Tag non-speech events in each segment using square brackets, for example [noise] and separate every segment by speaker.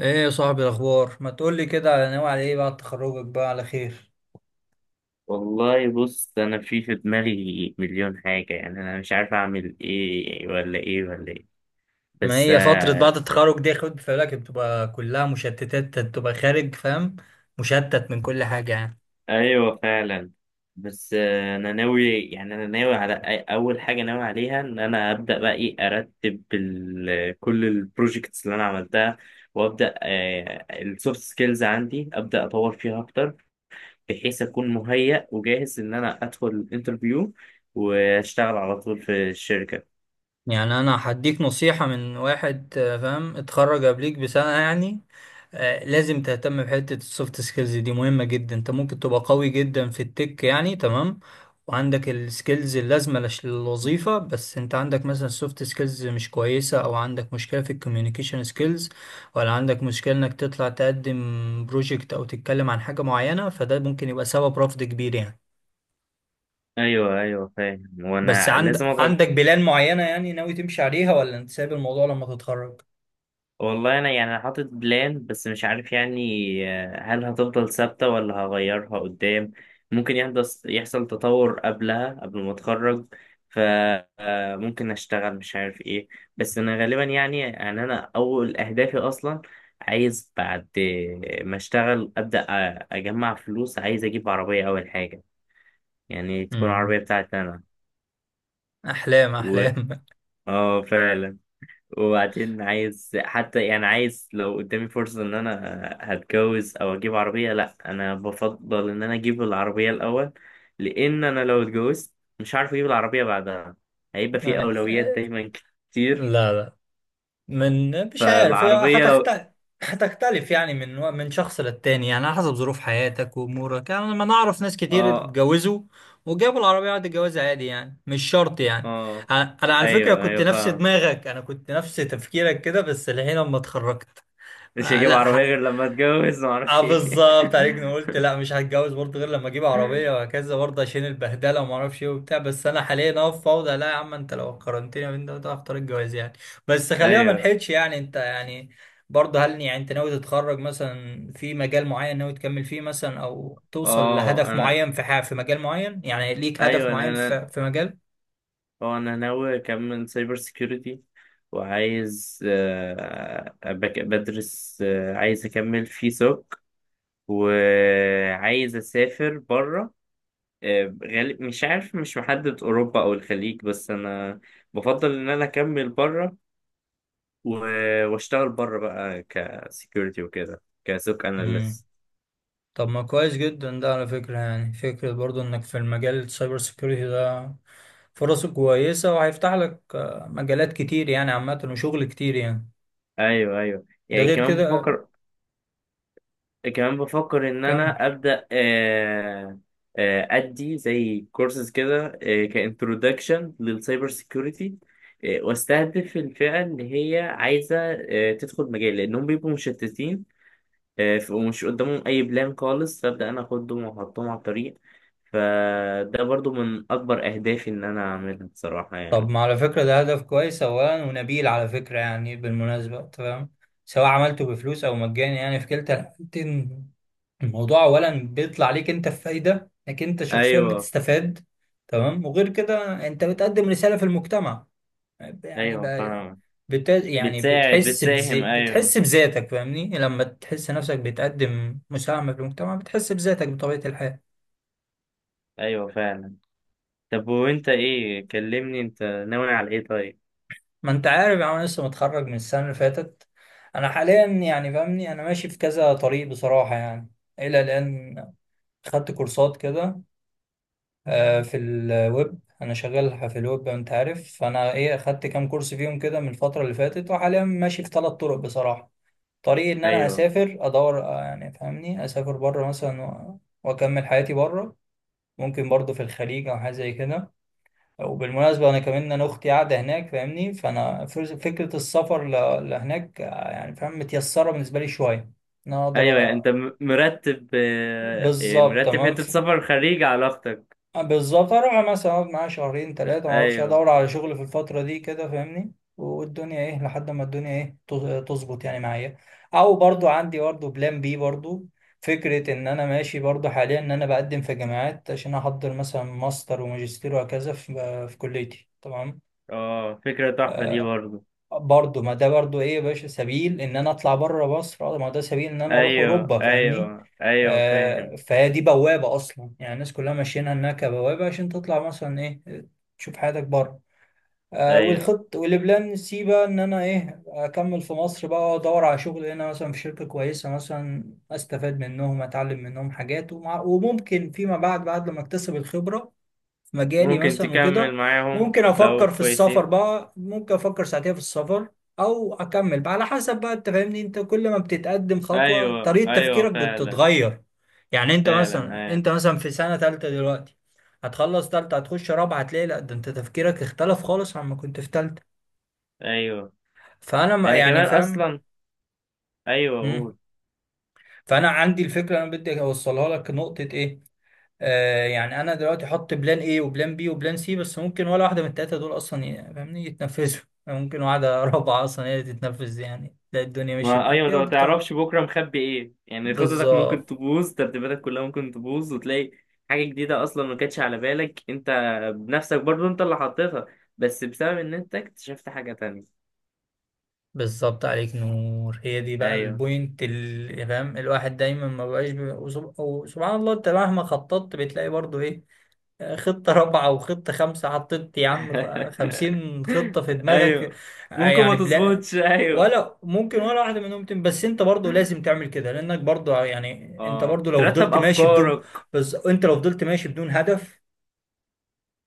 Speaker 1: ايه يا صاحبي الاخبار ما تقولي كده على ناوي على ايه بعد تخرجك بقى على خير.
Speaker 2: والله بص، انا في دماغي مليون حاجة. يعني انا مش عارف اعمل ايه ولا ايه ولا ايه.
Speaker 1: ما
Speaker 2: بس
Speaker 1: هي فترة بعد التخرج دي خد في بالك بتبقى كلها مشتتات، بتبقى خارج فاهم، مشتت من كل حاجة يعني.
Speaker 2: ايوه فعلا. بس انا ناوي على اول حاجة ناوي عليها ان انا ابدا بقى ايه، ارتب كل البروجيكتس اللي انا عملتها، وابدا السوفت سكيلز عندي ابدا اطور فيها اكتر، بحيث اكون مهيأ وجاهز ان انا ادخل الانترفيو واشتغل على طول في الشركة.
Speaker 1: يعني انا هديك نصيحة من واحد فاهم اتخرج قبليك بسنة يعني. لازم تهتم بحتة السوفت سكيلز دي، مهمة جدا. انت ممكن تبقى قوي جدا في التك يعني، تمام، وعندك السكيلز اللازمة للوظيفة، بس انت عندك مثلا سوفت سكيلز مش كويسة او عندك مشكلة في الكوميونيكيشن سكيلز، ولا عندك مشكلة انك تطلع تقدم بروجكت او تتكلم عن حاجة معينة، فده ممكن يبقى سبب رفض كبير يعني.
Speaker 2: ايوه ايوه فاهم.
Speaker 1: بس
Speaker 2: وانا لازم
Speaker 1: عند
Speaker 2: اقعد.
Speaker 1: عندك بلان معينة يعني ناوي تمشي عليها، ولا انت سايب الموضوع لما تتخرج؟
Speaker 2: والله انا يعني أنا حاطط بلان بس مش عارف يعني. هل هتفضل ثابته ولا هغيرها قدام؟ ممكن يحصل تطور قبلها قبل ما اتخرج، فممكن اشتغل مش عارف ايه. بس انا غالبا يعني انا اول اهدافي اصلا. عايز بعد ما اشتغل ابدا اجمع فلوس، عايز اجيب عربيه اول حاجه، يعني تكون
Speaker 1: مم.
Speaker 2: عربيه بتاعتي انا.
Speaker 1: احلام
Speaker 2: و
Speaker 1: احلام.
Speaker 2: اه فعلا. وبعدين عايز حتى، يعني عايز لو قدامي فرصة ان انا هتجوز او اجيب عربية، لا انا بفضل ان انا اجيب العربية الاول. لان انا لو اتجوزت مش عارف اجيب العربية بعدها، هيبقى في اولويات
Speaker 1: [laughs]
Speaker 2: دايما كتير.
Speaker 1: لا لا. من مش عارف هي
Speaker 2: فالعربية لو
Speaker 1: هتختلف. هتختلف يعني من شخص للتاني، يعني على حسب ظروف حياتك وامورك يعني. لما نعرف ناس كتير
Speaker 2: اه
Speaker 1: اتجوزوا وجابوا العربية بعد الجواز عادي يعني، مش شرط يعني.
Speaker 2: اه
Speaker 1: انا على فكرة
Speaker 2: ايوه
Speaker 1: كنت
Speaker 2: ايوه
Speaker 1: نفس
Speaker 2: فاهم.
Speaker 1: دماغك، انا كنت نفس تفكيرك كده، بس الحين لما اتخرجت
Speaker 2: مش
Speaker 1: آه
Speaker 2: هجيب
Speaker 1: لا.
Speaker 2: عربية غير لما اتجوز
Speaker 1: اه
Speaker 2: معرفش ايه.
Speaker 1: بالظبط عليك، انا قلت لا مش هتجوز برضه غير لما اجيب عربيه
Speaker 2: [laughs]
Speaker 1: وهكذا برضه عشان البهدله وما اعرفش ايه وبتاع، بس انا حاليا اهو في فوضى، لا يا عم انت لو قارنتني بين ده وده هختار الجواز يعني. بس خلينا ما
Speaker 2: ايوه.
Speaker 1: نحيدش يعني، انت يعني برضه، هل يعني انت ناوي تتخرج مثلا في مجال معين ناوي تكمل فيه مثلا، او توصل
Speaker 2: اه
Speaker 1: لهدف
Speaker 2: انا
Speaker 1: معين في حاجه في مجال معين؟ يعني ليك هدف
Speaker 2: ايوه
Speaker 1: معين
Speaker 2: انا
Speaker 1: في مجال؟
Speaker 2: هو انا ناوي اكمل سايبر سيكيورتي، وعايز بدرس، عايز اكمل في سوك، وعايز اسافر بره. غالب مش عارف، مش محدد اوروبا او الخليج، بس انا بفضل ان انا اكمل بره واشتغل بره بقى كسيكيورتي وكده كسوك
Speaker 1: امم.
Speaker 2: اناليست.
Speaker 1: طب ما كويس جدا ده على فكره يعني، فكره برضه انك في المجال السايبر سيكيورتي ده. فرصه كويسة وهيفتح لك مجالات كتير يعني عامة، وشغل كتير يعني.
Speaker 2: ايوه ايوه
Speaker 1: ده
Speaker 2: يعني
Speaker 1: غير
Speaker 2: كمان
Speaker 1: كده.
Speaker 2: بفكر. كمان بفكر ان
Speaker 1: كم.
Speaker 2: انا ابدا ادي زي كورسز كده، كانترودكشن للسايبر سيكيورتي، واستهدف الفئه اللي هي عايزه تدخل مجال، لانهم بيبقوا مشتتين ومش قدامهم اي بلان خالص، فابدا انا اخدهم واحطهم على الطريق. فده برضو من اكبر اهدافي ان انا اعملها بصراحه
Speaker 1: طب
Speaker 2: يعني.
Speaker 1: ما على فكرة ده هدف كويس أولا ونبيل على فكرة يعني، بالمناسبة أنت فاهم، سواء عملته بفلوس أو مجاني يعني، في كلتا الحالتين الموضوع أولا بيطلع عليك أنت، في فايدة إنك أنت شخصيا
Speaker 2: ايوه
Speaker 1: بتستفاد. تمام. وغير كده أنت بتقدم رسالة في المجتمع يعني
Speaker 2: ايوه
Speaker 1: بقى.
Speaker 2: فاهم.
Speaker 1: يعني
Speaker 2: بتساعد بتساهم ايوه.
Speaker 1: بتحس بذاتك فاهمني، لما تحس نفسك بتقدم مساهمة في المجتمع بتحس بذاتك بطبيعة الحال.
Speaker 2: ايوه فعلا. طب وانت ايه؟ كلمني انت ناوي على ايه طيب.
Speaker 1: ما انت عارف يعني، انا لسه متخرج من السنة اللي فاتت. انا حاليا يعني فاهمني انا ماشي في كذا طريق بصراحة يعني. الى الان خدت كورسات كده في الويب، انا شغال في الويب انت عارف، فانا ايه خدت كام كورس فيهم كده من الفترة اللي فاتت، وحاليا ماشي في ثلاث طرق بصراحة. طريقي ان انا
Speaker 2: ايوه
Speaker 1: اسافر، ادور يعني فاهمني اسافر بره مثلا واكمل حياتي بره. ممكن برضه في الخليج او حاجه زي كده. وبالمناسبه انا كمان انا اختي قاعده هناك فاهمني، فانا فكره السفر لهناك يعني فاهم متيسره بالنسبه لي شويه ان انا
Speaker 2: ايوه.
Speaker 1: اقدر
Speaker 2: يعني انت مرتب،
Speaker 1: بالظبط
Speaker 2: مرتب
Speaker 1: تمام.
Speaker 2: حتة سفر خارج علاقتك.
Speaker 1: بالظبط اروح مثلا اقعد معاه شهرين ثلاثه، ما اعرفش
Speaker 2: ايوه.
Speaker 1: ادور على شغل في الفتره دي كده فاهمني، والدنيا ايه لحد ما الدنيا ايه تظبط يعني معايا. او برضو عندي برضو بلان بي برضو، فكره ان انا ماشي برضو حاليا ان انا بقدم في جامعات عشان احضر مثلا ماستر وماجستير وهكذا في في كليتي تمام.
Speaker 2: اه، فكرة تحفة دي برضه.
Speaker 1: برضه ما ده برضه ايه يا باشا سبيل ان انا اطلع بره مصر، ما ده سبيل ان انا اروح
Speaker 2: ايوه
Speaker 1: اوروبا فاهمني.
Speaker 2: ايوه ايوه
Speaker 1: آه،
Speaker 2: فاهم.
Speaker 1: فهي دي بوابه اصلا يعني، الناس كلها ماشيينها انها كبوابه عشان تطلع مثلا ايه، تشوف حياتك بره.
Speaker 2: ايوه.
Speaker 1: والخط والبلان سي بقى ان انا ايه اكمل في مصر بقى، ادور على شغل هنا مثلا في شركه كويسه مثلا، استفاد منهم اتعلم منهم حاجات، ومع وممكن فيما بعد بعد لما اكتسب الخبره مجالي
Speaker 2: ممكن
Speaker 1: مثلا
Speaker 2: تكمل
Speaker 1: وكده
Speaker 2: معاهم
Speaker 1: ممكن
Speaker 2: لو
Speaker 1: افكر في السفر
Speaker 2: كويسين.
Speaker 1: بقى، ممكن افكر ساعتها في السفر او اكمل بقى على حسب بقى. انت فاهمني انت كل ما بتتقدم خطوة
Speaker 2: ايوه
Speaker 1: طريقة
Speaker 2: ايوه
Speaker 1: تفكيرك
Speaker 2: فعلا
Speaker 1: بتتغير. يعني انت
Speaker 2: فعلا.
Speaker 1: مثلا
Speaker 2: ايوه
Speaker 1: انت مثلا في سنة تالتة دلوقتي، هتخلص تالتة هتخش رابعة هتلاقي لا ده انت تفكيرك اختلف خالص عما كنت في تالتة.
Speaker 2: ايوه.
Speaker 1: فانا
Speaker 2: انا
Speaker 1: يعني
Speaker 2: كمان
Speaker 1: فاهم.
Speaker 2: اصلا. ايوه
Speaker 1: مم.
Speaker 2: قول.
Speaker 1: فانا عندي الفكرة انا بدي اوصلها لك نقطة ايه. آه، يعني انا دلوقتي احط بلان ايه وبلان بي وبلان سي، بس ممكن ولا واحده من التلاته دول اصلا فاهمني يتنفذوا. ممكن واحده [laughs] رابعه اصلا هي اللي تتنفذ، يعني تلاقي الدنيا مشيت
Speaker 2: ما
Speaker 1: معاك
Speaker 2: ايوه، انت
Speaker 1: فيها
Speaker 2: ما
Speaker 1: وبتكمل.
Speaker 2: تعرفش بكره مخبي ايه. يعني خططك ممكن
Speaker 1: بالظبط.
Speaker 2: تبوظ، ترتيباتك كلها ممكن تبوظ، وتلاقي حاجه جديده اصلا ما كانتش على بالك انت بنفسك برضو انت اللي حطيتها، بس بسبب ان انت اكتشفت حاجه تانية.
Speaker 1: بالظبط عليك نور، هي دي بقى
Speaker 2: ايوه.
Speaker 1: البوينت اللي فاهم الواحد دايما ما بقاش وسبحان الله انت مهما خططت بتلاقي برضو ايه، خطة رابعة وخطة خمسة، حطيت يا عم
Speaker 2: [laughs]
Speaker 1: خمسين خطة في دماغك.
Speaker 2: ايوه. ممكن ما
Speaker 1: يعني بلا
Speaker 2: تظبطش. ايوه.
Speaker 1: ولا ممكن ولا واحدة منهم تم، بس انت برضو لازم تعمل كده، لانك برضو يعني انت
Speaker 2: اه
Speaker 1: برضو لو
Speaker 2: ترتب
Speaker 1: فضلت ماشي بدون،
Speaker 2: افكارك.
Speaker 1: بس انت لو فضلت ماشي بدون هدف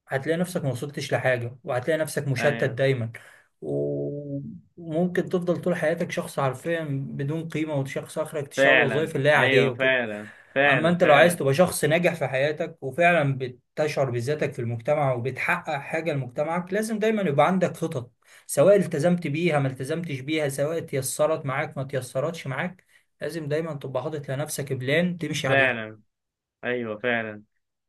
Speaker 1: هتلاقي نفسك ما وصلتش لحاجة وهتلاقي نفسك مشتت
Speaker 2: ايوه
Speaker 1: دايما. و- وممكن تفضل طول حياتك شخص حرفيا بدون قيمة، وشخص اخرك تشتغل
Speaker 2: فعلا.
Speaker 1: وظائف اللي هي عادية
Speaker 2: ايوه
Speaker 1: وكده.
Speaker 2: فعلا
Speaker 1: اما
Speaker 2: فعلا
Speaker 1: انت لو عايز
Speaker 2: فعلا.
Speaker 1: تبقى شخص ناجح في حياتك وفعلا بتشعر بذاتك في المجتمع وبتحقق حاجة لمجتمعك، لازم دايما يبقى عندك خطط، سواء التزمت بيها ما التزمتش بيها، سواء تيسرت معاك ما تيسرتش معاك، لازم دايما تبقى حاطط لنفسك بلان تمشي عليها.
Speaker 2: فعلا ايوه فعلا.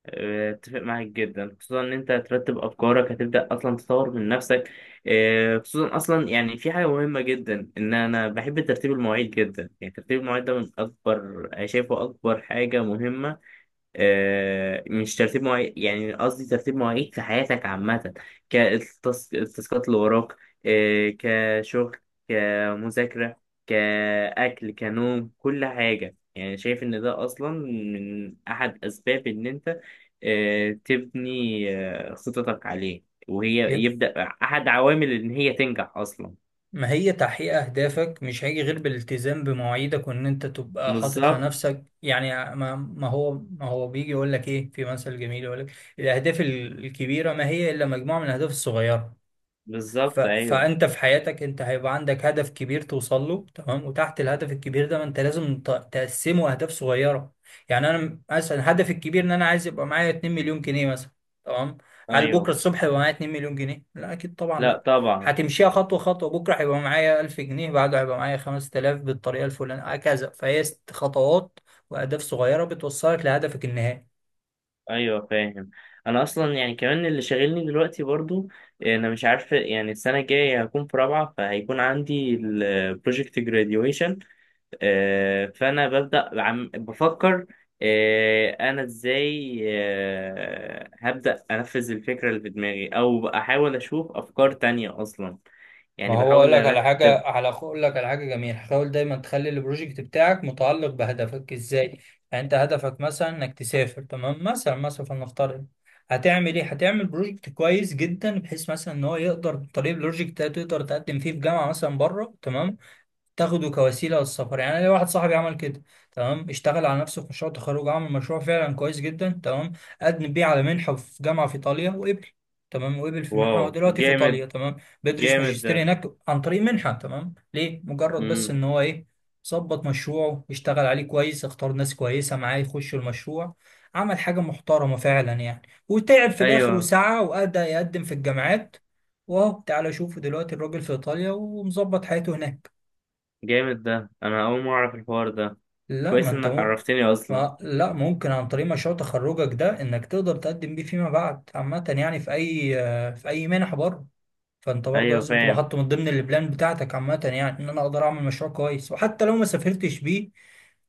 Speaker 2: اتفق معاك جدا، خصوصا ان انت هترتب افكارك هتبدا اصلا تطور من نفسك. اه، خصوصا اصلا يعني في حاجه مهمه جدا، ان انا بحب ترتيب المواعيد جدا. يعني ترتيب المواعيد ده من اكبر، شايفه اكبر حاجه مهمه. مش ترتيب مواعيد، يعني قصدي ترتيب مواعيد في حياتك عامة، كالتاسكات اللي وراك، كشغل، كمذاكرة، كأكل، كنوم، كل حاجة. يعني شايف إن ده أصلا من أحد أسباب إن أنت تبني خططك عليه، وهي
Speaker 1: يب.
Speaker 2: يبدأ أحد عوامل إن هي تنجح أصلا.
Speaker 1: ما هي تحقيق أهدافك مش هيجي غير بالالتزام بمواعيدك وإن أنت تبقى حاطط
Speaker 2: بالظبط.
Speaker 1: لنفسك يعني، ما هو بيجي يقول لك إيه، في مثل جميل يقول لك، الأهداف الكبيرة ما هي إلا مجموعة من الأهداف الصغيرة.
Speaker 2: بالظبط أيوه.
Speaker 1: فانت في حياتك انت هيبقى عندك هدف كبير توصل له تمام، وتحت الهدف الكبير ده ما انت لازم تقسمه اهداف صغيره. يعني انا مثلا هدفي الكبير ان انا عايز يبقى معايا 2 مليون جنيه مثلا، تمام. هل بكره
Speaker 2: أيوه.
Speaker 1: الصبح يبقى معايا 2 مليون جنيه؟ لا اكيد طبعا
Speaker 2: لا
Speaker 1: لا.
Speaker 2: طبعا.
Speaker 1: هتمشيها خطوه خطوه، بكره هيبقى معايا 1000 جنيه، بعده هيبقى معايا 5,000 بالطريقه الفلانيه هكذا، فهي ست خطوات واهداف صغيره بتوصلك لهدفك النهائي.
Speaker 2: ايوه فاهم. انا اصلا يعني كمان اللي شاغلني دلوقتي برضو، انا مش عارف يعني، السنه الجايه هكون في رابعه، فهيكون عندي البروجكت جراديويشن. فانا ببدا عم بفكر انا ازاي، هبدا انفذ الفكره اللي في دماغي او احاول اشوف افكار تانية اصلا.
Speaker 1: ما
Speaker 2: يعني
Speaker 1: هو اقول
Speaker 2: بحاول
Speaker 1: لك على حاجه،
Speaker 2: ارتب.
Speaker 1: على اقول لك على حاجه جميله، حاول دايما تخلي البروجكت بتاعك متعلق بهدفك ازاي. يعني انت هدفك مثلا انك تسافر تمام، مثلا مثلا فلنفترض، هتعمل ايه؟ هتعمل بروجكت كويس جدا بحيث مثلا ان هو يقدر طريق البروجكت ده تقدر تقدم فيه في جامعه مثلا بره تمام، تاخده كوسيله للسفر. يعني أنا ليا واحد صاحبي عمل كده، تمام، اشتغل على نفسه في مشروع تخرج، عمل مشروع فعلا كويس جدا تمام، قدم بيه على منحه في جامعه في ايطاليا، وقبل تمام، وقبل في المنحه،
Speaker 2: واو
Speaker 1: هو دلوقتي في
Speaker 2: جامد.
Speaker 1: ايطاليا تمام، بيدرس
Speaker 2: جامد ده.
Speaker 1: ماجستير هناك عن طريق منحه تمام، ليه؟ مجرد بس
Speaker 2: امم.
Speaker 1: ان هو ايه ظبط مشروعه، اشتغل عليه كويس، اختار ناس كويسه معاه يخشوا المشروع، عمل حاجه محترمه فعلا يعني، وتعب في الاخر
Speaker 2: ايوه.
Speaker 1: وسعى وادى يقدم في الجامعات، واهو تعالى شوفوا دلوقتي الراجل في ايطاليا ومظبط حياته هناك.
Speaker 2: جامد ده، انا اول مره اعرف الحوار ده.
Speaker 1: لا ما
Speaker 2: كويس
Speaker 1: انت
Speaker 2: انك
Speaker 1: مو...
Speaker 2: عرفتني اصلا.
Speaker 1: ما... لا ممكن عن طريق مشروع تخرجك ده انك تقدر تقدم بيه فيما بعد عامة يعني في اي في اي منح بره. فانت برضه
Speaker 2: ايوه
Speaker 1: لازم تبقى
Speaker 2: فاهم.
Speaker 1: حاطه من ضمن البلان بتاعتك عامة يعني ان انا اقدر اعمل مشروع كويس، وحتى لو ما سافرتش بيه،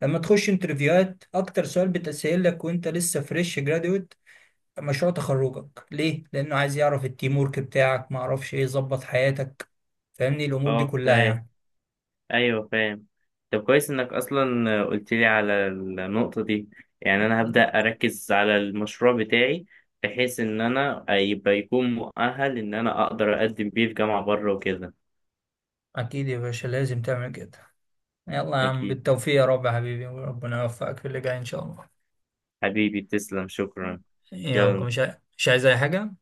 Speaker 1: لما تخش انترفيوهات اكتر سؤال بتسأل لك وانت لسه فريش جرادويت، مشروع تخرجك ليه، لانه عايز يعرف التيم ورك بتاعك ما اعرفش ايه، يظبط حياتك فاهمني، الامور دي
Speaker 2: اه
Speaker 1: كلها
Speaker 2: فاهم.
Speaker 1: يعني.
Speaker 2: ايوه فاهم. طب كويس انك اصلا قلت لي على النقطه دي. يعني انا هبدا اركز على المشروع بتاعي، بحيث ان انا يبقى يكون مؤهل ان انا اقدر اقدم بيه في جامعه بره وكده.
Speaker 1: اكيد يا باشا لازم تعمل كده. يلا يا عم
Speaker 2: اكيد.
Speaker 1: بالتوفيق يا رب يا حبيبي، وربنا يوفقك في اللي جاي ان شاء الله.
Speaker 2: حبيبي تسلم، شكرا.
Speaker 1: يلا
Speaker 2: يلا
Speaker 1: مش عايز اي حاجة.